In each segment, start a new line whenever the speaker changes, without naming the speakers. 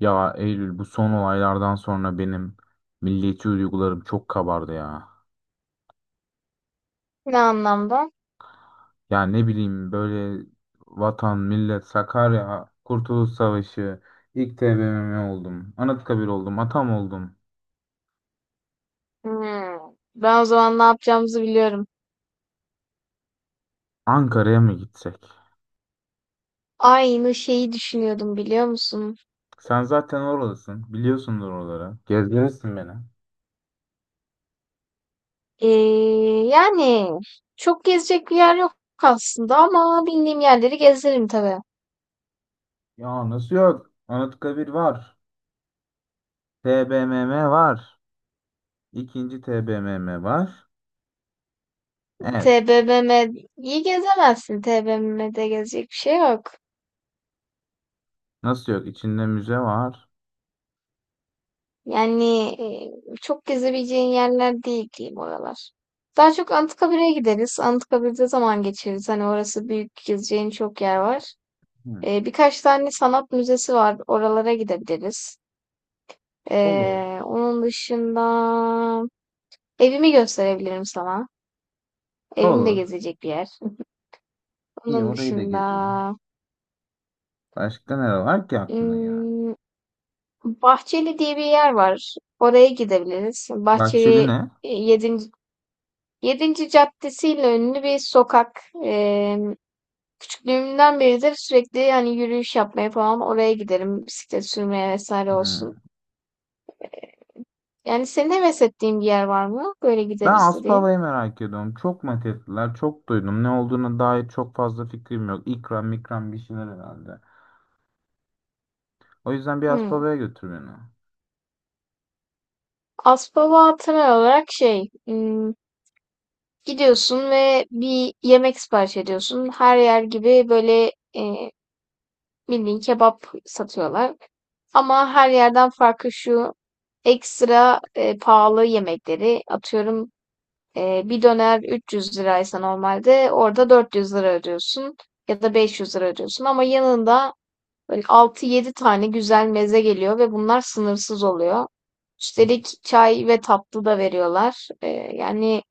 Ya Eylül, bu son olaylardan sonra benim milliyetçi duygularım çok kabardı ya.
Ne anlamda?
Ya ne bileyim, böyle vatan, millet, Sakarya, Kurtuluş Savaşı, ilk TBMM oldum, Anıtkabir oldum, Atam oldum.
Hmm. Ben o zaman ne yapacağımızı biliyorum.
Ankara'ya mı gitsek?
Aynı şeyi düşünüyordum biliyor musun?
Sen zaten oralısın, biliyorsundur oraları. Gezdirirsin beni.
Ee, yani çok gezecek bir yer yok aslında ama bildiğim yerleri gezerim tabii.
Ya nasıl yok? Anıtkabir var, TBMM var, ikinci TBMM var. Evet,
TBMM'yi gezemezsin. TBMM'de gezecek bir şey yok.
nasıl yok? İçinde müze var.
Yani Çok gezebileceğin yerler değil diyeyim oralar. Daha çok Anıtkabir'e gideriz. Anıtkabir'de zaman geçiririz. Hani orası büyük, gezeceğin çok yer var.
Hı.
Birkaç tane sanat müzesi var. Oralara gidebiliriz.
Olur.
Onun dışında evimi gösterebilirim sana. Evim de
Olur.
gezecek bir yer.
İyi,
Onun
orayı da
dışında
gezelim. Başka ne var ki aklına ya?
hmm, Bahçeli diye bir yer var. Oraya gidebiliriz.
Bahçeli
Bahçeli
ne?
e, yedinci yedinci caddesiyle ünlü bir sokak. Küçüklüğümden beridir sürekli yani yürüyüş yapmaya falan oraya giderim. Bisiklet sürmeye vesaire
Hmm.
olsun. Yani senin heves ettiğin bir yer var mı? Böyle
Ben
gideriz diye.
Aspava'yı merak ediyorum. Çok mat ettiler, çok duydum. Ne olduğuna dair çok fazla fikrim yok. İkram mikram bir şeyler herhalde. O yüzden bir
Hımm.
Aspava'ya götür beni.
Aspava olarak gidiyorsun ve bir yemek sipariş ediyorsun. Her yer gibi böyle, bildiğin kebap satıyorlar, ama her yerden farkı şu: ekstra, pahalı yemekleri atıyorum, bir döner 300 liraysa normalde orada 400 lira ödüyorsun ya da 500 lira ödüyorsun, ama yanında böyle 6-7 tane güzel meze geliyor ve bunlar sınırsız oluyor. Üstelik çay ve tatlı da veriyorlar. Yani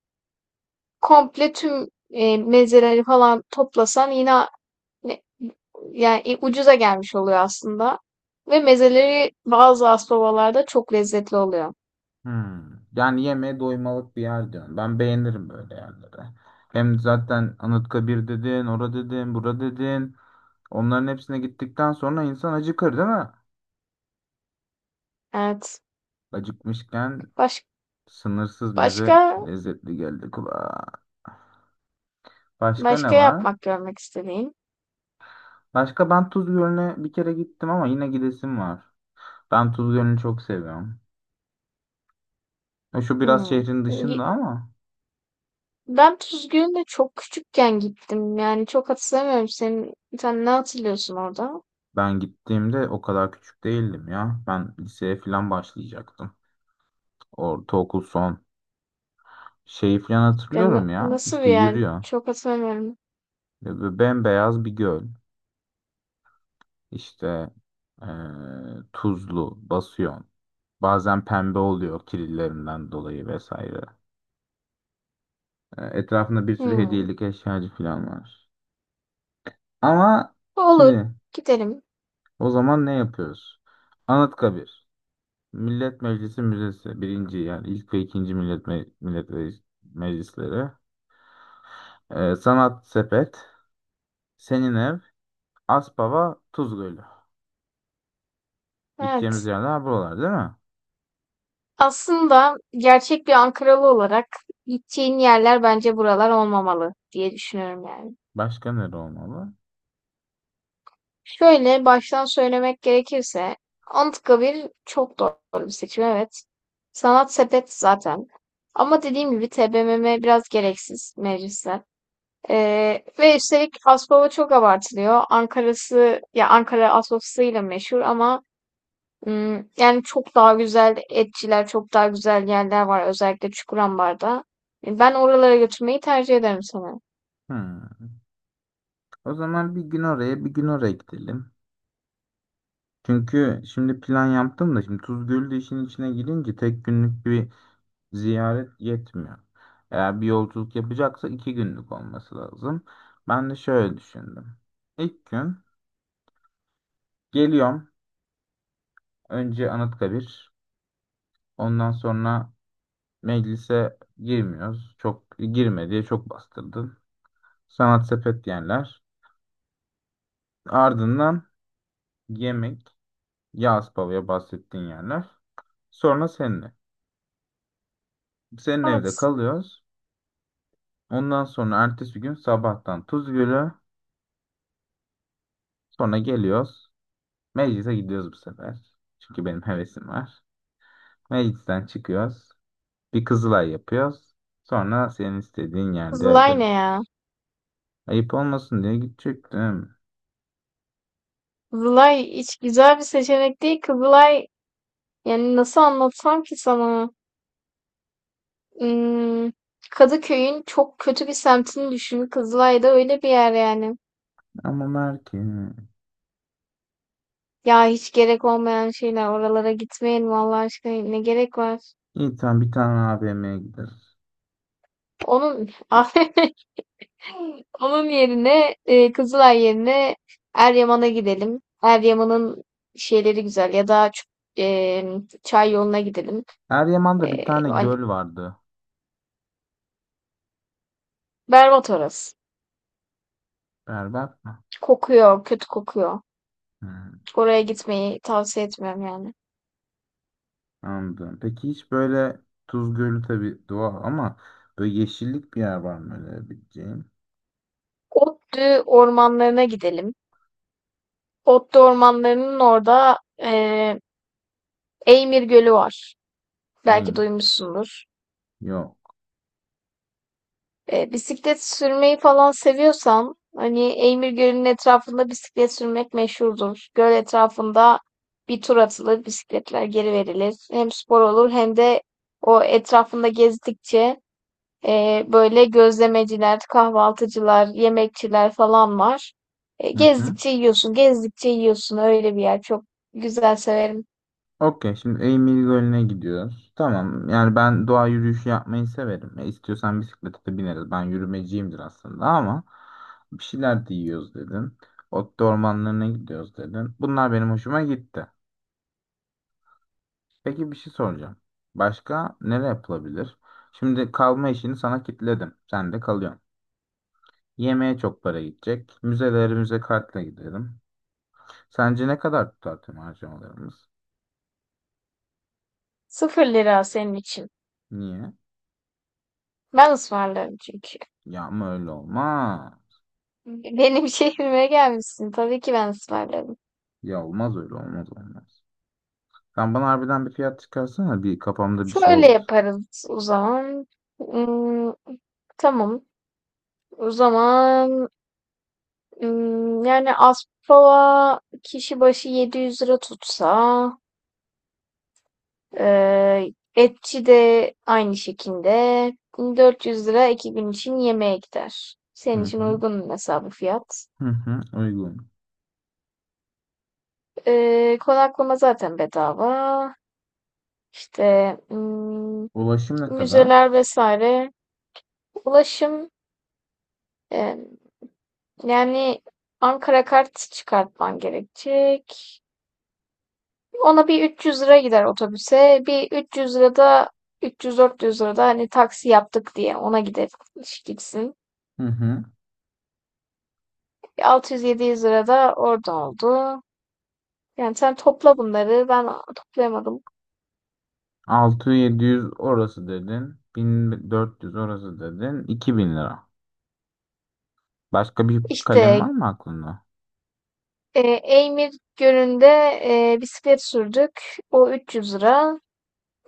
komple tüm mezeleri falan toplasan yine ne- yani ucuza gelmiş oluyor aslında. Ve mezeleri bazı aspabalarda çok lezzetli oluyor.
Hmm. Yani yemeğe doymalık bir yer diyorum. Ben beğenirim böyle yerleri. Hem zaten Anıtkabir dedin, ora dedin, bura dedin. Onların hepsine gittikten sonra insan acıkır değil mi?
Evet.
Acıkmışken
Baş,
sınırsız meze
başka
lezzetli geldi kulağa. Başka ne
başka
var?
yapmak, görmek istediğim.
Başka, ben Tuz Gölü'ne bir kere gittim ama yine gidesim var. Ben Tuz Gölü'nü çok seviyorum. Şu biraz
Hmm.
şehrin dışında ama
Ben Tuzgün'e çok küçükken gittim. Yani çok hatırlamıyorum. Sen ne hatırlıyorsun orada?
ben gittiğimde o kadar küçük değildim ya. Ben liseye falan başlayacaktım. Ortaokul son. Şeyi falan hatırlıyorum ya.
Nasıl bir
İşte
yer?
yürüyor.
Çok hatırlamıyorum.
Ve böyle bembeyaz bir göl. İşte e, tuzlu, basıyor. Bazen pembe oluyor kirillerinden dolayı vesaire. Etrafında bir sürü
Hmm.
hediyelik eşyacı falan var. Ama
Olur.
şimdi
Gidelim.
o zaman ne yapıyoruz? Anıtkabir. Millet Meclisi Müzesi. Birinci yani ilk ve ikinci Millet, Meclisleri. Sanat Sepet. Senin ev. Aspava. Tuz Gölü. Gideceğimiz
Evet.
yerler buralar değil mi?
Aslında gerçek bir Ankaralı olarak gideceğin yerler bence buralar olmamalı diye düşünüyorum yani.
Başka nere olmalı?
Şöyle baştan söylemek gerekirse Anıtkabir çok doğru bir seçim, evet. Sanat sepet zaten. Ama dediğim gibi TBMM biraz gereksiz, meclisler. Ve üstelik Aspava çok abartılıyor. Ankara'sı ya, Ankara Aspava'sıyla meşhur, ama yani çok daha güzel etçiler, çok daha güzel yerler var, özellikle Çukurambar'da. Ben oralara götürmeyi tercih ederim sana.
Hmm. O zaman bir gün oraya bir gün oraya gidelim. Çünkü şimdi plan yaptım da, şimdi Tuz Gölü de işin içine girince tek günlük bir ziyaret yetmiyor. Eğer bir yolculuk yapacaksa iki günlük olması lazım. Ben de şöyle düşündüm. İlk gün geliyorum. Önce Anıtkabir. Ondan sonra meclise girmiyoruz. Çok girme diye çok bastırdın. Sanat sepet yerler. Ardından yemek. Yağız Pava'ya bahsettiğin yerler. Sonra seninle. Senin evde
Evet.
kalıyoruz. Ondan sonra ertesi gün sabahtan Tuzgölü, sonra geliyoruz. Meclise gidiyoruz bu sefer. Çünkü benim hevesim var. Meclisten çıkıyoruz. Bir Kızılay yapıyoruz. Sonra senin istediğin yerde öyle.
Kızılay ne ya?
Ayıp olmasın diye gidecektim.
Kızılay hiç güzel bir seçenek değil. Kızılay, yani nasıl anlatsam ki sana? Im, Kadıköy'ün çok kötü bir semtini düşün. Kızılay da öyle bir yer yani.
Ama Merke.
Ya hiç gerek olmayan şeyler. Oralara gitmeyin vallahi, aşkına. Ne gerek var?
İyi, tamam, bir tane AVM'ye gideriz.
Onun onun yerine Kızılay yerine Eryaman'a gidelim. Eryaman'ın şeyleri güzel, ya da e, çay yoluna gidelim.
Eryaman'da bir
E,
tane
hani
göl vardı.
berbat orası.
Berbat mı?
Kokuyor, kötü kokuyor.
Hmm,
Oraya gitmeyi tavsiye etmiyorum yani.
anladım. Peki hiç böyle Tuz Gölü tabii doğal ama böyle yeşillik bir yer var mı öyle bileceğim?
Ottu ormanlarına gidelim. Ottu ormanlarının orada e, Eymir Gölü var.
İyi
Belki
mi?
duymuşsundur.
Yok.
Bisiklet sürmeyi falan seviyorsan, hani Eymir Gölü'nün etrafında bisiklet sürmek meşhurdur. Göl etrafında bir tur atılır, bisikletler geri verilir. Hem spor olur, hem de o etrafında gezdikçe böyle gözlemeciler, kahvaltıcılar, yemekçiler falan var.
Hı hı.
Gezdikçe yiyorsun, gezdikçe yiyorsun. Öyle bir yer çok güzel, severim.
Okey, şimdi Eymir Gölü'ne gidiyoruz. Tamam, yani ben doğa yürüyüşü yapmayı severim. İstiyorsan bisiklete de bineriz. Ben yürümeciyimdir aslında ama bir şeyler de yiyoruz dedin. Ot ormanlarına gidiyoruz dedin. Bunlar benim hoşuma gitti. Peki, bir şey soracağım. Başka nereye yapılabilir? Şimdi kalma işini sana kitledim. Sen de kalıyorsun. Yemeğe çok para gidecek. Müzeleri müze kartla gidelim. Sence ne kadar tutar tüm harcamalarımız?
Sıfır lira senin için.
Niye?
Ben ısmarlarım çünkü.
Ya ama öyle olmaz.
Benim şehrime gelmişsin. Tabii ki ben ısmarlarım.
Ya olmaz, öyle olmaz, olmaz. Sen bana harbiden bir fiyat çıkarsana, bir kafamda bir şey
Şöyle
olur.
yaparız o zaman. Hmm, tamam. O zaman yani Aspava kişi başı 700 lira tutsa, etçi de aynı şekilde 400 lira, iki gün için yemeğe gider.
Hı
Senin için
hı.
uygun hesabı fiyat.
Hı hı, uygun.
Konaklama zaten bedava. İşte
Ulaşım ne kadar?
müzeler vesaire. Ulaşım eee Yani Ankara kart çıkartman gerekecek. Ona bir 300 lira gider otobüse. Bir 300 lira da 300-400 lira da hani taksi yaptık diye ona gider gitsin.
Hı hı.
600-700 lira da orada oldu. Yani sen topla bunları. Ben toplayamadım.
600-700 orası dedin. 1.400 orası dedin. 2.000 lira. Başka bir kalem var
İşte
mı aklında?
Eymir Gölü'nde bisiklet sürdük. O 300 lira.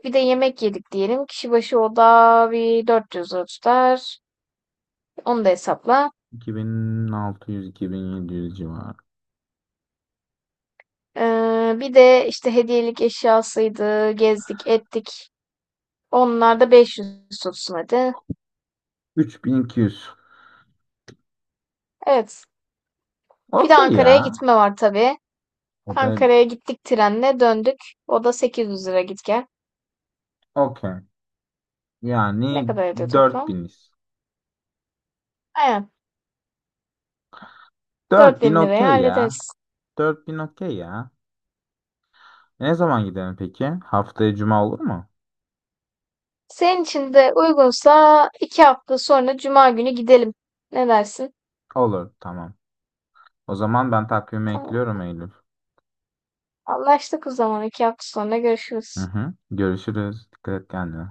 Bir de yemek yedik diyelim. Kişi başı o da bir 400 lira tutar. Onu da hesapla.
2600-2700 civarı.
Bir de işte hediyelik eşyasıydı, gezdik, ettik. Onlar da 500 tutsun hadi.
3200.
Evet. Bir de
Okey
Ankara'ya
ya.
gitme var tabii.
O da
Ankara'ya gittik, trenle döndük. O da 800 lira git gel.
okey.
Ne
Yani
kadar ediyor
dört
toplam?
biniz.
Aynen.
4.000
4.000 liraya
okey ya.
hallederiz.
4.000 okey ya. Ne zaman gidelim peki? Haftaya cuma olur mu?
Senin için de uygunsa iki hafta sonra Cuma günü gidelim. Ne dersin?
Olur, tamam. O zaman ben takvime
Tamam.
ekliyorum Eylül.
Anlaştık o zaman. İki hafta sonra
Hı
görüşürüz.
hı. Görüşürüz. Dikkat et kendine.